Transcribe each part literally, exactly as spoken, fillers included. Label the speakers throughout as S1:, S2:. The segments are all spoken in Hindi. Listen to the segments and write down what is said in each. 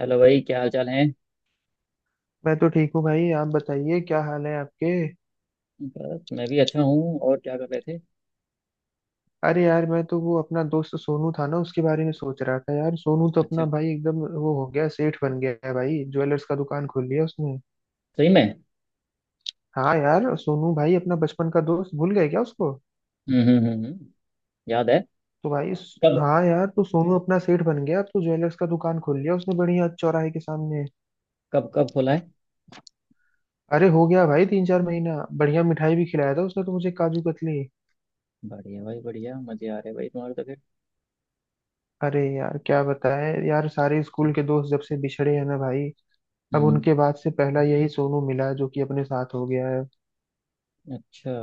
S1: हेलो भाई, क्या हाल चाल है?
S2: मैं तो ठीक हूँ भाई। आप बताइए क्या हाल है आपके।
S1: बस मैं भी अच्छा हूँ। और क्या कर रहे थे?
S2: अरे यार, मैं तो वो अपना दोस्त सोनू था ना, उसके बारे में सोच रहा था। यार सोनू तो
S1: अच्छा।
S2: अपना भाई एकदम वो हो गया, सेठ बन गया है भाई। ज्वेलर्स का दुकान खोल लिया उसने।
S1: सही में?
S2: हाँ यार, सोनू भाई अपना बचपन का दोस्त, भूल गए क्या उसको?
S1: हम्म। हम्म। हम्म। हम्म, याद है।
S2: तो भाई स-
S1: कब?
S2: हाँ यार, तो सोनू अपना सेठ बन गया। अब तो ज्वेलर्स का दुकान खोल लिया उसने, बढ़िया चौराहे के सामने।
S1: कब कब खोला है?
S2: अरे हो गया भाई तीन चार महीना। बढ़िया मिठाई भी खिलाया था उसने तो मुझे, काजू कतली।
S1: बढ़िया भाई, बढ़िया। मजे आ रहे भाई तुम्हारे तो फिर।
S2: अरे यार क्या बताएं यार, सारे स्कूल के दोस्त जब से बिछड़े हैं ना भाई। अब
S1: हम्म।
S2: उनके बाद से पहला यही सोनू मिला जो कि अपने साथ हो गया है।
S1: अच्छा।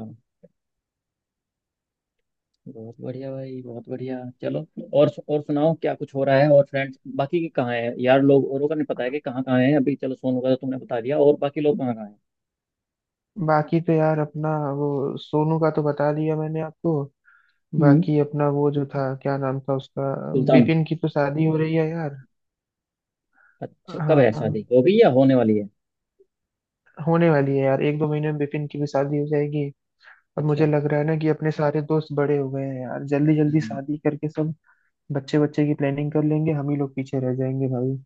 S1: बहुत बढ़िया भाई, बहुत बढ़िया। चलो। और और सुनाओ, क्या कुछ हो रहा है? और फ्रेंड्स बाकी के कहाँ है यार? लोग औरों का नहीं पता है कि कहाँ कहाँ है अभी। चलो, सोनू का तो तुमने बता दिया। और बाकी लोग कहाँ कहाँ है?
S2: बाकी तो यार अपना वो, सोनू का तो बता दिया मैंने आपको।
S1: हम्म।
S2: बाकी अपना वो जो था, क्या नाम था उसका।
S1: सुल्तान।
S2: विपिन की तो शादी हो रही है यार।
S1: अच्छा, कब
S2: हाँ
S1: है शादी?
S2: हाँ,
S1: हो गई या होने वाली है?
S2: होने वाली है यार, एक दो महीने में विपिन की भी शादी हो जाएगी। अब मुझे
S1: अच्छा।
S2: लग रहा है ना कि अपने सारे दोस्त बड़े हो गए हैं यार, जल्दी जल्दी
S1: हम्म।
S2: शादी करके सब बच्चे बच्चे की प्लानिंग कर लेंगे। हम ही लोग पीछे रह जाएंगे भाई।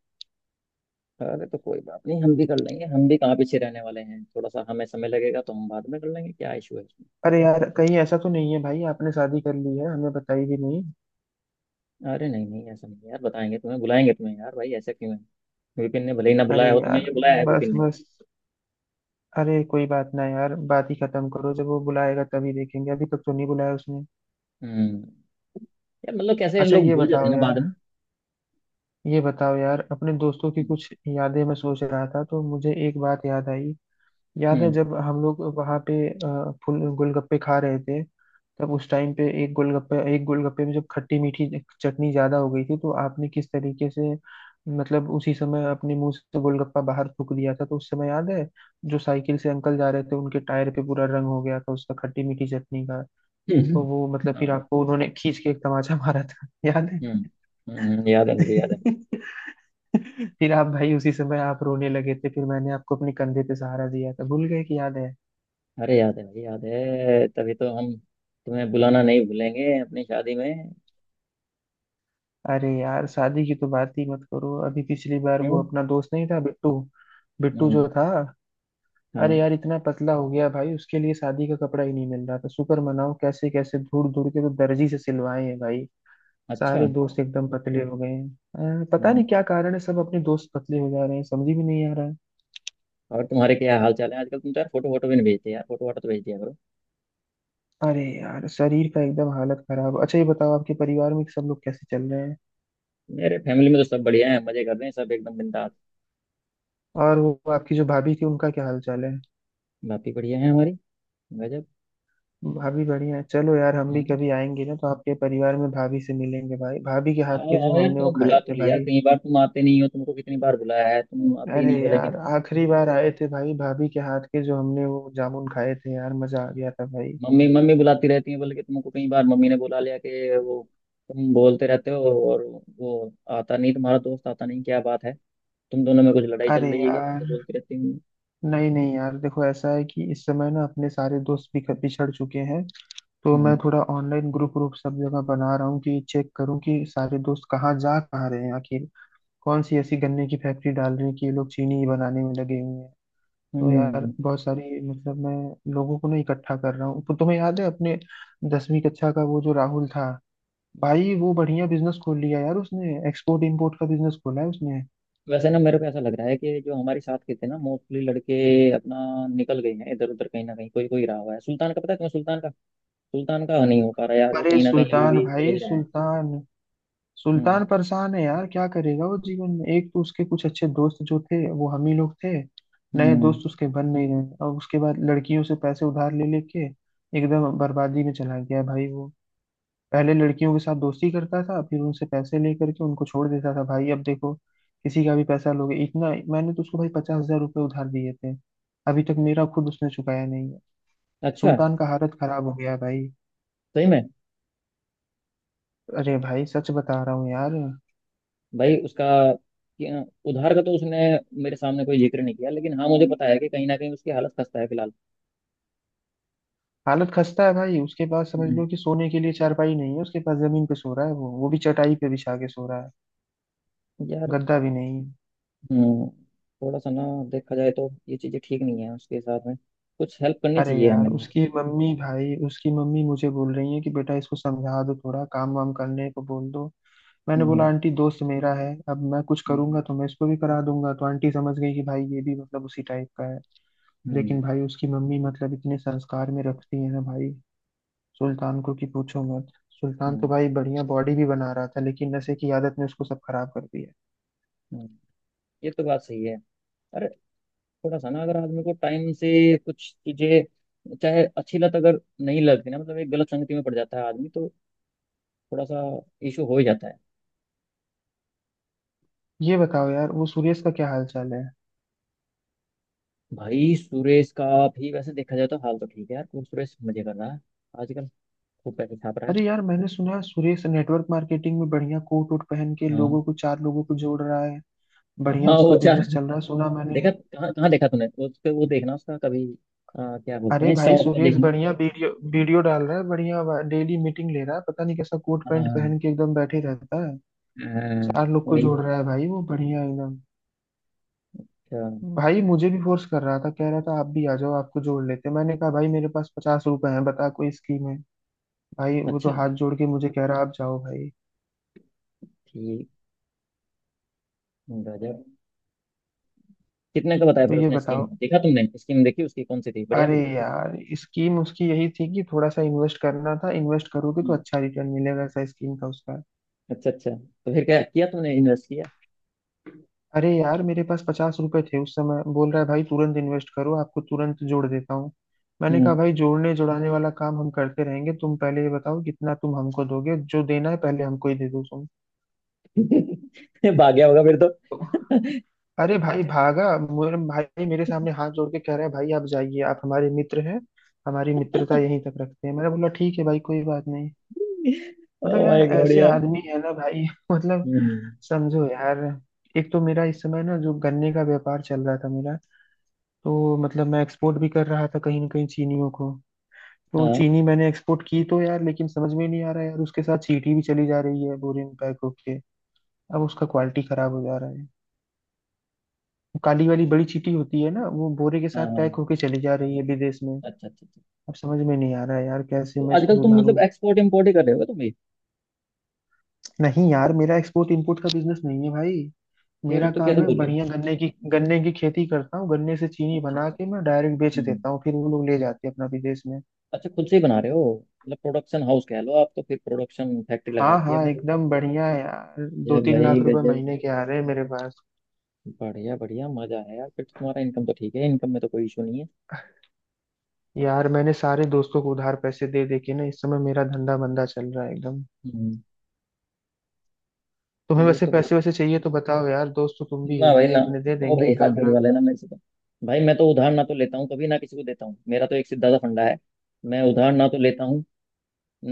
S1: अरे तो कोई बात नहीं, हम भी कर लेंगे। हम भी कहाँ पीछे रहने वाले हैं? थोड़ा सा हमें समय लगेगा तो हम बाद में कर लेंगे। क्या इशू है इसमें?
S2: अरे यार, कहीं ऐसा तो नहीं है भाई आपने शादी कर ली है, हमें बताई भी नहीं।
S1: अरे नहीं नहीं, ऐसा नहीं है यार। बताएंगे तुम्हें, बुलाएंगे तुम्हें यार। भाई ऐसा क्यों है? विपिन ने भले ही ना
S2: अरे
S1: बुलाया हो तुम्हें,
S2: यार,
S1: ये बुलाया है
S2: बस
S1: विपिन ने।
S2: बस। अरे कोई बात ना यार, बात ही खत्म करो। जब वो बुलाएगा तभी देखेंगे, अभी तक तो नहीं बुलाया उसने।
S1: हम्म। यार मतलब कैसे इन
S2: अच्छा
S1: लोग
S2: ये
S1: भूल जाते हैं
S2: बताओ
S1: ना बाद
S2: यार,
S1: में।
S2: ये बताओ यार, अपने दोस्तों की कुछ यादें मैं सोच रहा था तो मुझे एक बात याद आई। याद है
S1: हम्म।
S2: जब हम लोग वहां पे अ, फुल गोलगप्पे खा रहे थे? तब उस टाइम पे एक गोलगप्पे एक गोलगप्पे में जब खट्टी मीठी चटनी ज्यादा हो गई थी, तो आपने किस तरीके से, मतलब उसी समय अपने मुंह से गोलगप्पा बाहर थूक दिया था। तो उस समय याद है, जो साइकिल से अंकल जा रहे थे, उनके टायर पे पूरा रंग हो गया था उसका, खट्टी मीठी चटनी का।
S1: हम्म।
S2: तो वो मतलब फिर
S1: हाँ।
S2: आपको उन्होंने खींच के एक तमाचा मारा था, याद है?
S1: हम्म। हम्म, याद है। मुझे याद है।
S2: फिर आप भाई उसी समय आप रोने लगे थे, फिर मैंने आपको अपने कंधे पे सहारा दिया था, भूल गए कि याद है?
S1: अरे याद है भाई, याद है। तभी तो हम तुम्हें बुलाना नहीं भूलेंगे अपनी शादी में।
S2: अरे यार शादी की तो बात ही मत करो। अभी पिछली बार वो
S1: क्यों?
S2: अपना दोस्त नहीं था बिट्टू, बिट्टू
S1: हम्म।
S2: जो था, अरे
S1: हाँ।
S2: यार इतना पतला हो गया भाई, उसके लिए शादी का कपड़ा ही नहीं मिल रहा था। शुक्र मनाओ कैसे कैसे ढूंढ ढूंढ के तो दर्जी से सिलवाए हैं भाई।
S1: अच्छा।
S2: सारे दोस्त एकदम पतले हो गए हैं अ, पता
S1: हम्म।
S2: नहीं क्या कारण है, सब अपने दोस्त पतले हो जा रहे हैं, समझ ही में नहीं आ रहा है।
S1: और तुम्हारे क्या हाल चाल है आजकल? तुम तो यार फोटो फोटो भी नहीं भेजते यार, फोटो वाटो तो भेज दिया करो।
S2: अरे यार शरीर का एकदम हालत खराब। अच्छा ये बताओ, आपके परिवार में सब लोग कैसे चल रहे हैं?
S1: मेरे फैमिली में तो सब बढ़िया है। मजे कर रहे हैं सब एकदम बिंदास।
S2: और वो आपकी जो भाभी थी उनका क्या हाल चाल है?
S1: बाकी बढ़िया है हमारी। गजब।
S2: भाभी बढ़िया है, चलो यार। हम भी
S1: हाँ।
S2: कभी आएंगे ना तो आपके परिवार में भाभी से मिलेंगे भाई, भाभी के हाथ
S1: आओ
S2: के
S1: आओ
S2: जो
S1: यार,
S2: हमने वो
S1: तुम
S2: खाए
S1: बुला तो
S2: थे
S1: लिया
S2: भाई।
S1: कई बार, तुम आते नहीं हो। तुमको कितनी बार बुलाया है, तुम आते ही
S2: अरे
S1: नहीं हो
S2: यार
S1: लेकिन।
S2: आखिरी बार आए थे भाई, भाभी के हाथ के जो हमने वो जामुन खाए थे यार, मजा आ गया था भाई।
S1: मम्मी मम्मी बुलाती रहती है, बल्कि तुमको कई बार मम्मी ने बुला लिया कि वो तुम बोलते रहते हो और वो आता नहीं तुम्हारा दोस्त। आता नहीं, क्या बात है? तुम दोनों में कुछ लड़ाई चल
S2: अरे
S1: रही है क्या? ऐसे
S2: यार,
S1: बोलती रहती हूँ।
S2: नहीं नहीं यार, देखो ऐसा है कि इस समय ना अपने सारे दोस्त बिख- बिछड़ चुके हैं। तो मैं
S1: हम्म।
S2: थोड़ा ऑनलाइन ग्रुप ग्रुप सब जगह बना रहा हूँ कि चेक करूँ कि सारे दोस्त कहाँ जा कहाँ रहे हैं आखिर। कौन सी ऐसी गन्ने की फैक्ट्री डाल रही है कि ये लोग चीनी ही बनाने में लगे हुए हैं। तो यार
S1: हम्म।
S2: बहुत सारी मतलब मैं लोगों को ना इकट्ठा कर रहा हूँ। तो तुम्हें याद है अपने दसवीं कक्षा का वो जो राहुल था, भाई वो बढ़िया बिजनेस खोल लिया यार उसने, एक्सपोर्ट इंपोर्ट का बिजनेस खोला है उसने।
S1: वैसे ना मेरे को ऐसा लग रहा है कि जो हमारे साथ के थे ना, मोस्टली लड़के अपना निकल गए हैं इधर उधर। कहीं ना कहीं कोई कोई रहा हुआ है। सुल्तान का पता है तुम्हें? सुल्तान का? सुल्तान का नहीं हो पा रहा यार, वो
S2: अरे
S1: कहीं ना कहीं अभी
S2: सुल्तान
S1: भी
S2: भाई
S1: उलझ रहा है।
S2: सुल्तान,
S1: हम्म।
S2: सुल्तान परेशान है यार, क्या करेगा वो जीवन में। एक तो उसके कुछ अच्छे दोस्त जो थे वो हम ही लोग थे। नए
S1: हम्म।
S2: दोस्त उसके बन नहीं रहे, और उसके बाद लड़कियों से पैसे उधार ले लेके एकदम बर्बादी में चला गया भाई वो। पहले लड़कियों के साथ दोस्ती करता था, फिर उनसे पैसे लेकर के उनको छोड़ देता था भाई। अब देखो, किसी का भी पैसा लोगे? इतना मैंने तो उसको भाई पचास हजार रुपये उधार दिए थे, अभी तक मेरा खुद उसने चुकाया नहीं है।
S1: अच्छा।
S2: सुल्तान का हालत खराब हो गया है भाई।
S1: सही में?
S2: अरे भाई सच बता रहा हूँ यार।
S1: भाई उसका, कि- उधार का तो उसने मेरे सामने कोई जिक्र नहीं किया, लेकिन हाँ, मुझे पता है कि कहीं ना कहीं उसकी हालत खस्ता है फिलहाल।
S2: हालत खस्ता है भाई, उसके पास समझ
S1: हम्म।
S2: लो कि सोने के लिए चारपाई नहीं है उसके पास। जमीन पे सो रहा है वो वो भी चटाई पे बिछा के सो रहा है,
S1: यार।
S2: गद्दा भी नहीं।
S1: हम्म। थोड़ा सा ना, देखा जाए तो ये चीजें ठीक नहीं है उसके साथ में। कुछ हेल्प करनी
S2: अरे
S1: चाहिए
S2: यार
S1: हमें यार।
S2: उसकी मम्मी भाई, उसकी मम्मी मुझे बोल रही है कि बेटा इसको समझा दो, थोड़ा काम वाम करने को बोल दो। मैंने बोला
S1: हम्म।
S2: आंटी दोस्त मेरा है, अब मैं कुछ करूंगा
S1: हम्म।
S2: तो मैं इसको भी करा दूंगा। तो आंटी समझ गई कि भाई ये भी मतलब उसी टाइप का है।
S1: हम्म।
S2: लेकिन भाई उसकी मम्मी मतलब इतने संस्कार में रखती है ना भाई सुल्तान को, कि पूछो मत।
S1: हम्म।
S2: सुल्तान तो
S1: हम्म।
S2: भाई बढ़िया बॉडी भी बना रहा था, लेकिन नशे की आदत ने उसको सब खराब कर दिया।
S1: हम्म। ये तो बात सही है। अरे, थोड़ा सा ना, अगर आदमी को टाइम से कुछ चीजें चाहे अच्छी लत अगर नहीं लगती ना, मतलब एक गलत संगति में पड़ जाता है आदमी तो थोड़ा सा इशू हो ही जाता है।
S2: ये बताओ यार वो सुरेश का क्या हाल चाल है?
S1: भाई सुरेश का भी वैसे देखा जाए तो हाल तो ठीक है यार, कुछ सुरेश मजे कर रहा है आजकल। खूब पैसे छाप रहा है।
S2: अरे यार मैंने सुना है सुरेश नेटवर्क मार्केटिंग में बढ़िया कोट वोट पहन के लोगों
S1: हाँ।
S2: को, चार लोगों को जोड़ रहा है। बढ़िया
S1: हाँ, वो
S2: उसका
S1: चार।
S2: बिजनेस चल रहा है, सुना मैंने।
S1: देखा कहाँ कहाँ देखा तूने उसके? वो देखना उसका कभी, आ, क्या बोलते
S2: अरे
S1: हैं, इंस्टा
S2: भाई
S1: उसका
S2: सुरेश
S1: देखना।
S2: बढ़िया वीडियो वीडियो डाल रहा है, बढ़िया डेली मीटिंग ले रहा है, पता नहीं कैसा कोट पैंट
S1: हाँ।
S2: पहन के एकदम बैठे रहता है।
S1: हाँ,
S2: चार लोग को
S1: वही।
S2: जोड़ रहा है भाई वो, बढ़िया एकदम।
S1: अच्छा।
S2: भाई मुझे भी फोर्स कर रहा था, कह रहा था आप भी आ जाओ, आपको जोड़ लेते हैं। मैंने कहा भाई मेरे पास पचास रुपए हैं, बता कोई स्कीम है? भाई वो तो
S1: अच्छा,
S2: हाथ जोड़ के मुझे कह रहा, आप जाओ भाई।
S1: ठीक। गजब। कितने का बताया
S2: तो
S1: फिर
S2: ये
S1: उसने स्कीम?
S2: बताओ,
S1: देखा तुमने स्कीम, देखी उसकी कौन सी थी, बढ़िया
S2: अरे
S1: थी?
S2: यार स्कीम उसकी यही थी कि थोड़ा सा इन्वेस्ट करना था। इन्वेस्ट करोगे तो
S1: हम्म।
S2: अच्छा रिटर्न मिलेगा, ऐसा स्कीम था उसका।
S1: अच्छा अच्छा, तो फिर क्या किया तुमने? इन्वेस्ट किया?
S2: अरे यार मेरे पास पचास रुपए थे उस समय, बोल रहा है भाई तुरंत इन्वेस्ट करो, आपको तुरंत जोड़ देता हूँ। मैंने कहा
S1: हम्म।
S2: भाई जोड़ने जोड़ाने वाला काम हम करते रहेंगे, तुम पहले ये बताओ कितना तुम हमको दोगे, जो देना है पहले हमको ही दे दो तुम।
S1: भाग गया होगा फिर तो।
S2: अरे भाई भागा मेरे भाई, मेरे सामने हाथ जोड़ के कह रहा है भाई आप जाइए, आप हमारे मित्र हैं, हमारी मित्रता यहीं तक रखते हैं। मैंने बोला ठीक है भाई कोई बात नहीं। मतलब
S1: ओ
S2: यार
S1: माय गॉड
S2: ऐसे
S1: यार।
S2: आदमी है ना भाई मतलब
S1: हम्म।
S2: समझो यार। एक तो मेरा इस समय ना जो गन्ने का व्यापार चल रहा था मेरा, तो मतलब मैं एक्सपोर्ट भी कर रहा था कहीं ना कहीं, चीनियों को तो
S1: हाँ।
S2: चीनी मैंने एक्सपोर्ट की तो यार। लेकिन समझ में नहीं आ रहा यार उसके साथ चींटी भी चली जा रही है बोरे में पैक होके, अब उसका क्वालिटी खराब हो जा रहा है। वो काली वाली बड़ी चींटी होती है ना, वो बोरे के
S1: हाँ।
S2: साथ पैक
S1: हाँ।
S2: होके चली जा रही है विदेश में।
S1: अच्छा अच्छा अच्छा,
S2: अब समझ में नहीं आ रहा है यार कैसे
S1: तो
S2: मैं इसको
S1: आजकल तुम मतलब
S2: सुधारूं।
S1: एक्सपोर्ट इम्पोर्ट ही कर रहे हो तुम भी?
S2: नहीं यार मेरा एक्सपोर्ट इंपोर्ट का बिजनेस नहीं है भाई।
S1: फिर
S2: मेरा
S1: तो कैसे
S2: काम है
S1: बोल रहे हो?
S2: बढ़िया गन्ने की गन्ने की खेती करता हूँ, गन्ने से चीनी
S1: अच्छा
S2: बना
S1: अच्छा
S2: के
S1: अच्छा।
S2: मैं डायरेक्ट बेच
S1: हम्म।
S2: देता हूँ, फिर वो लोग ले जाते हैं अपना विदेश में।
S1: अच्छा, खुद से ही बना रहे हो? मतलब प्रोडक्शन हाउस कह लो आप तो। फिर प्रोडक्शन फैक्ट्री लगा
S2: हाँ
S1: रखी है
S2: हाँ
S1: आपने।
S2: एकदम बढ़िया है यार, दो
S1: ये
S2: तीन लाख
S1: भाई
S2: रुपए
S1: गजब।
S2: महीने के आ रहे हैं मेरे पास।
S1: बढ़िया बढ़िया, मजा है यार फिर तो। तुम्हारा इनकम तो ठीक है, इनकम में तो कोई इशू नहीं है।
S2: यार मैंने सारे दोस्तों को उधार पैसे दे दे के ना, इस समय मेरा धंधा मंदा चल रहा है एकदम।
S1: हम्म।
S2: तुम्हें
S1: ये
S2: वैसे
S1: तो
S2: पैसे वैसे चाहिए तो बताओ यार, दोस्त तो तुम भी
S1: ना
S2: हो
S1: भाई
S2: भाई
S1: ना।
S2: अपने, दे
S1: ओ
S2: देंगे
S1: भाई,
S2: एक
S1: हाथ
S2: आध लाख।
S1: धुलवा लेना मेरे से तो। भाई मैं तो उधार ना तो लेता हूँ, कभी ना किसी को देता हूँ। मेरा तो एक सीधा सा फंडा है, मैं उधार ना तो लेता हूँ,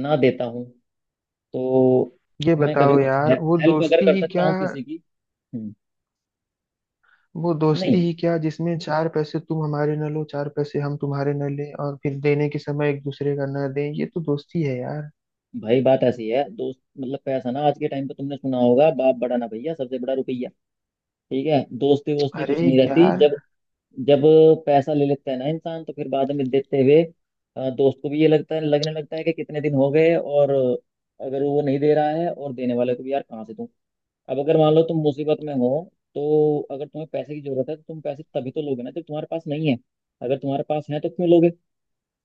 S1: ना देता हूँ। तो
S2: ये
S1: मैं कभी
S2: बताओ
S1: कुछ हे,
S2: यार, वो
S1: हेल्प अगर
S2: दोस्ती
S1: कर
S2: ही
S1: सकता
S2: क्या,
S1: हूँ किसी की। हम्म।
S2: वो दोस्ती
S1: नहीं
S2: ही क्या जिसमें चार पैसे तुम हमारे न लो, चार पैसे हम तुम्हारे न ले, और फिर देने के समय एक दूसरे का न दें, ये तो दोस्ती है यार।
S1: भाई, बात ऐसी है, दोस्त मतलब पैसा ना, आज के टाइम पे तुमने सुना होगा, बाप बड़ा ना भैया, सबसे बड़ा रुपया। ठीक है, दोस्ती वोस्ती कुछ
S2: अरे
S1: नहीं रहती
S2: यार,
S1: जब, जब पैसा ले लेता है ना इंसान तो फिर बाद में देते हुए अ, दोस्त को भी ये लगता है, लगने लगता है कि कितने दिन हो गए। और अगर वो नहीं दे रहा है, और देने वाले को भी यार कहाँ से दूं। अब अगर मान लो तुम मुसीबत में हो, तो अगर तुम्हें पैसे की जरूरत है तो तुम पैसे तभी तो लोगे ना जब तुम्हारे पास नहीं है। अगर तुम्हारे पास है तो क्यों लोगे?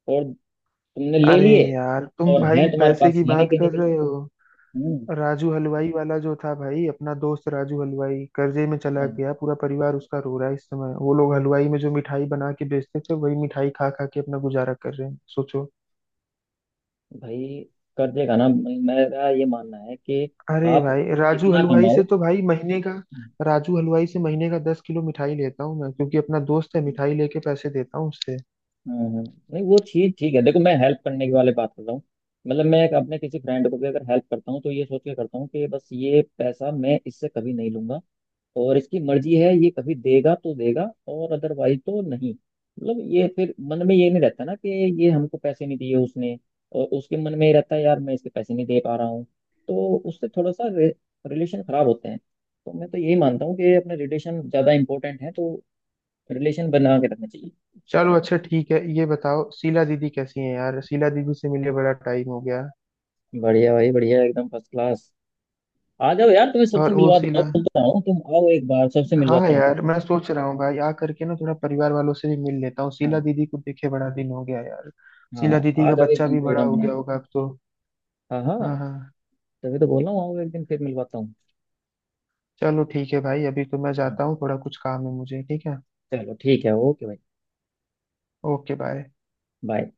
S1: और तुमने ले
S2: अरे
S1: लिए
S2: यार तुम
S1: और है
S2: भाई
S1: तुम्हारे
S2: पैसे
S1: पास,
S2: की
S1: है नहीं
S2: बात
S1: देने
S2: कर
S1: के लिए।
S2: रहे हो।
S1: हम्म।
S2: राजू हलवाई वाला जो था भाई, अपना दोस्त राजू हलवाई कर्जे में चला
S1: हाँ।
S2: गया, पूरा परिवार उसका रो रहा है इस समय। वो लोग हलवाई में जो मिठाई बना के बेचते थे, वही मिठाई खा खा के अपना गुजारा कर रहे हैं, सोचो।
S1: भाई कर देगा ना, मैं- मेरा ये मानना है कि
S2: अरे
S1: आप
S2: भाई राजू
S1: कितना
S2: हलवाई
S1: कमाओ।
S2: से तो भाई महीने का, राजू हलवाई से महीने का दस किलो मिठाई लेता हूँ मैं, क्योंकि अपना दोस्त है। मिठाई लेके पैसे देता हूँ उससे।
S1: हम्म, नहीं वो चीज ठीक है। देखो, मैं हेल्प करने की वाले बात कर रहा हूँ। मतलब मैं एक अपने किसी फ्रेंड को भी अगर हेल्प करता हूँ तो ये सोच के करता हूँ कि बस ये पैसा मैं इससे कभी नहीं लूंगा। और इसकी मर्जी है, ये कभी देगा तो देगा और अदरवाइज तो नहीं। मतलब ये फिर मन में ये नहीं रहता ना कि ये हमको पैसे नहीं दिए उसने। और उसके मन में ये रहता है यार, मैं इसके पैसे नहीं दे पा रहा हूँ। तो उससे थोड़ा सा रे, रिलेशन खराब होते हैं। तो मैं तो यही मानता हूँ कि अपने रिलेशन ज्यादा इंपॉर्टेंट है, तो रिलेशन बना के रखना चाहिए।
S2: चलो अच्छा ठीक है, ये बताओ शीला दीदी कैसी है यार, शीला दीदी से मिले बड़ा टाइम हो गया।
S1: बढ़िया भाई बढ़िया, एकदम फर्स्ट क्लास। आ जाओ यार, तुम्हें सबसे
S2: और वो
S1: मिलवा दो
S2: शीला,
S1: बोलता हूँ। तुम आओ एक बार, सबसे
S2: हाँ
S1: मिलवाता हूँ फिर।
S2: यार मैं सोच रहा हूँ भाई आ करके ना थोड़ा परिवार वालों से भी मिल लेता हूँ, शीला
S1: हाँ।
S2: दीदी को देखे बड़ा दिन हो गया यार।
S1: हाँ,
S2: शीला दीदी
S1: आ
S2: का
S1: जाओ एक
S2: बच्चा
S1: दिन
S2: भी बड़ा
S1: प्रोग्राम
S2: हो
S1: बना
S2: गया
S1: के।
S2: होगा अब तो।
S1: हाँ। हाँ,
S2: हाँ हाँ,
S1: तभी तो बोल रहा हूँ, आओ एक दिन, फिर मिलवाता हूँ।
S2: चलो ठीक है भाई, अभी तो मैं
S1: हाँ।
S2: जाता हूँ, थोड़ा कुछ काम है मुझे, ठीक है?
S1: चलो ठीक है, ओके भाई।
S2: Okay bye.
S1: बाय।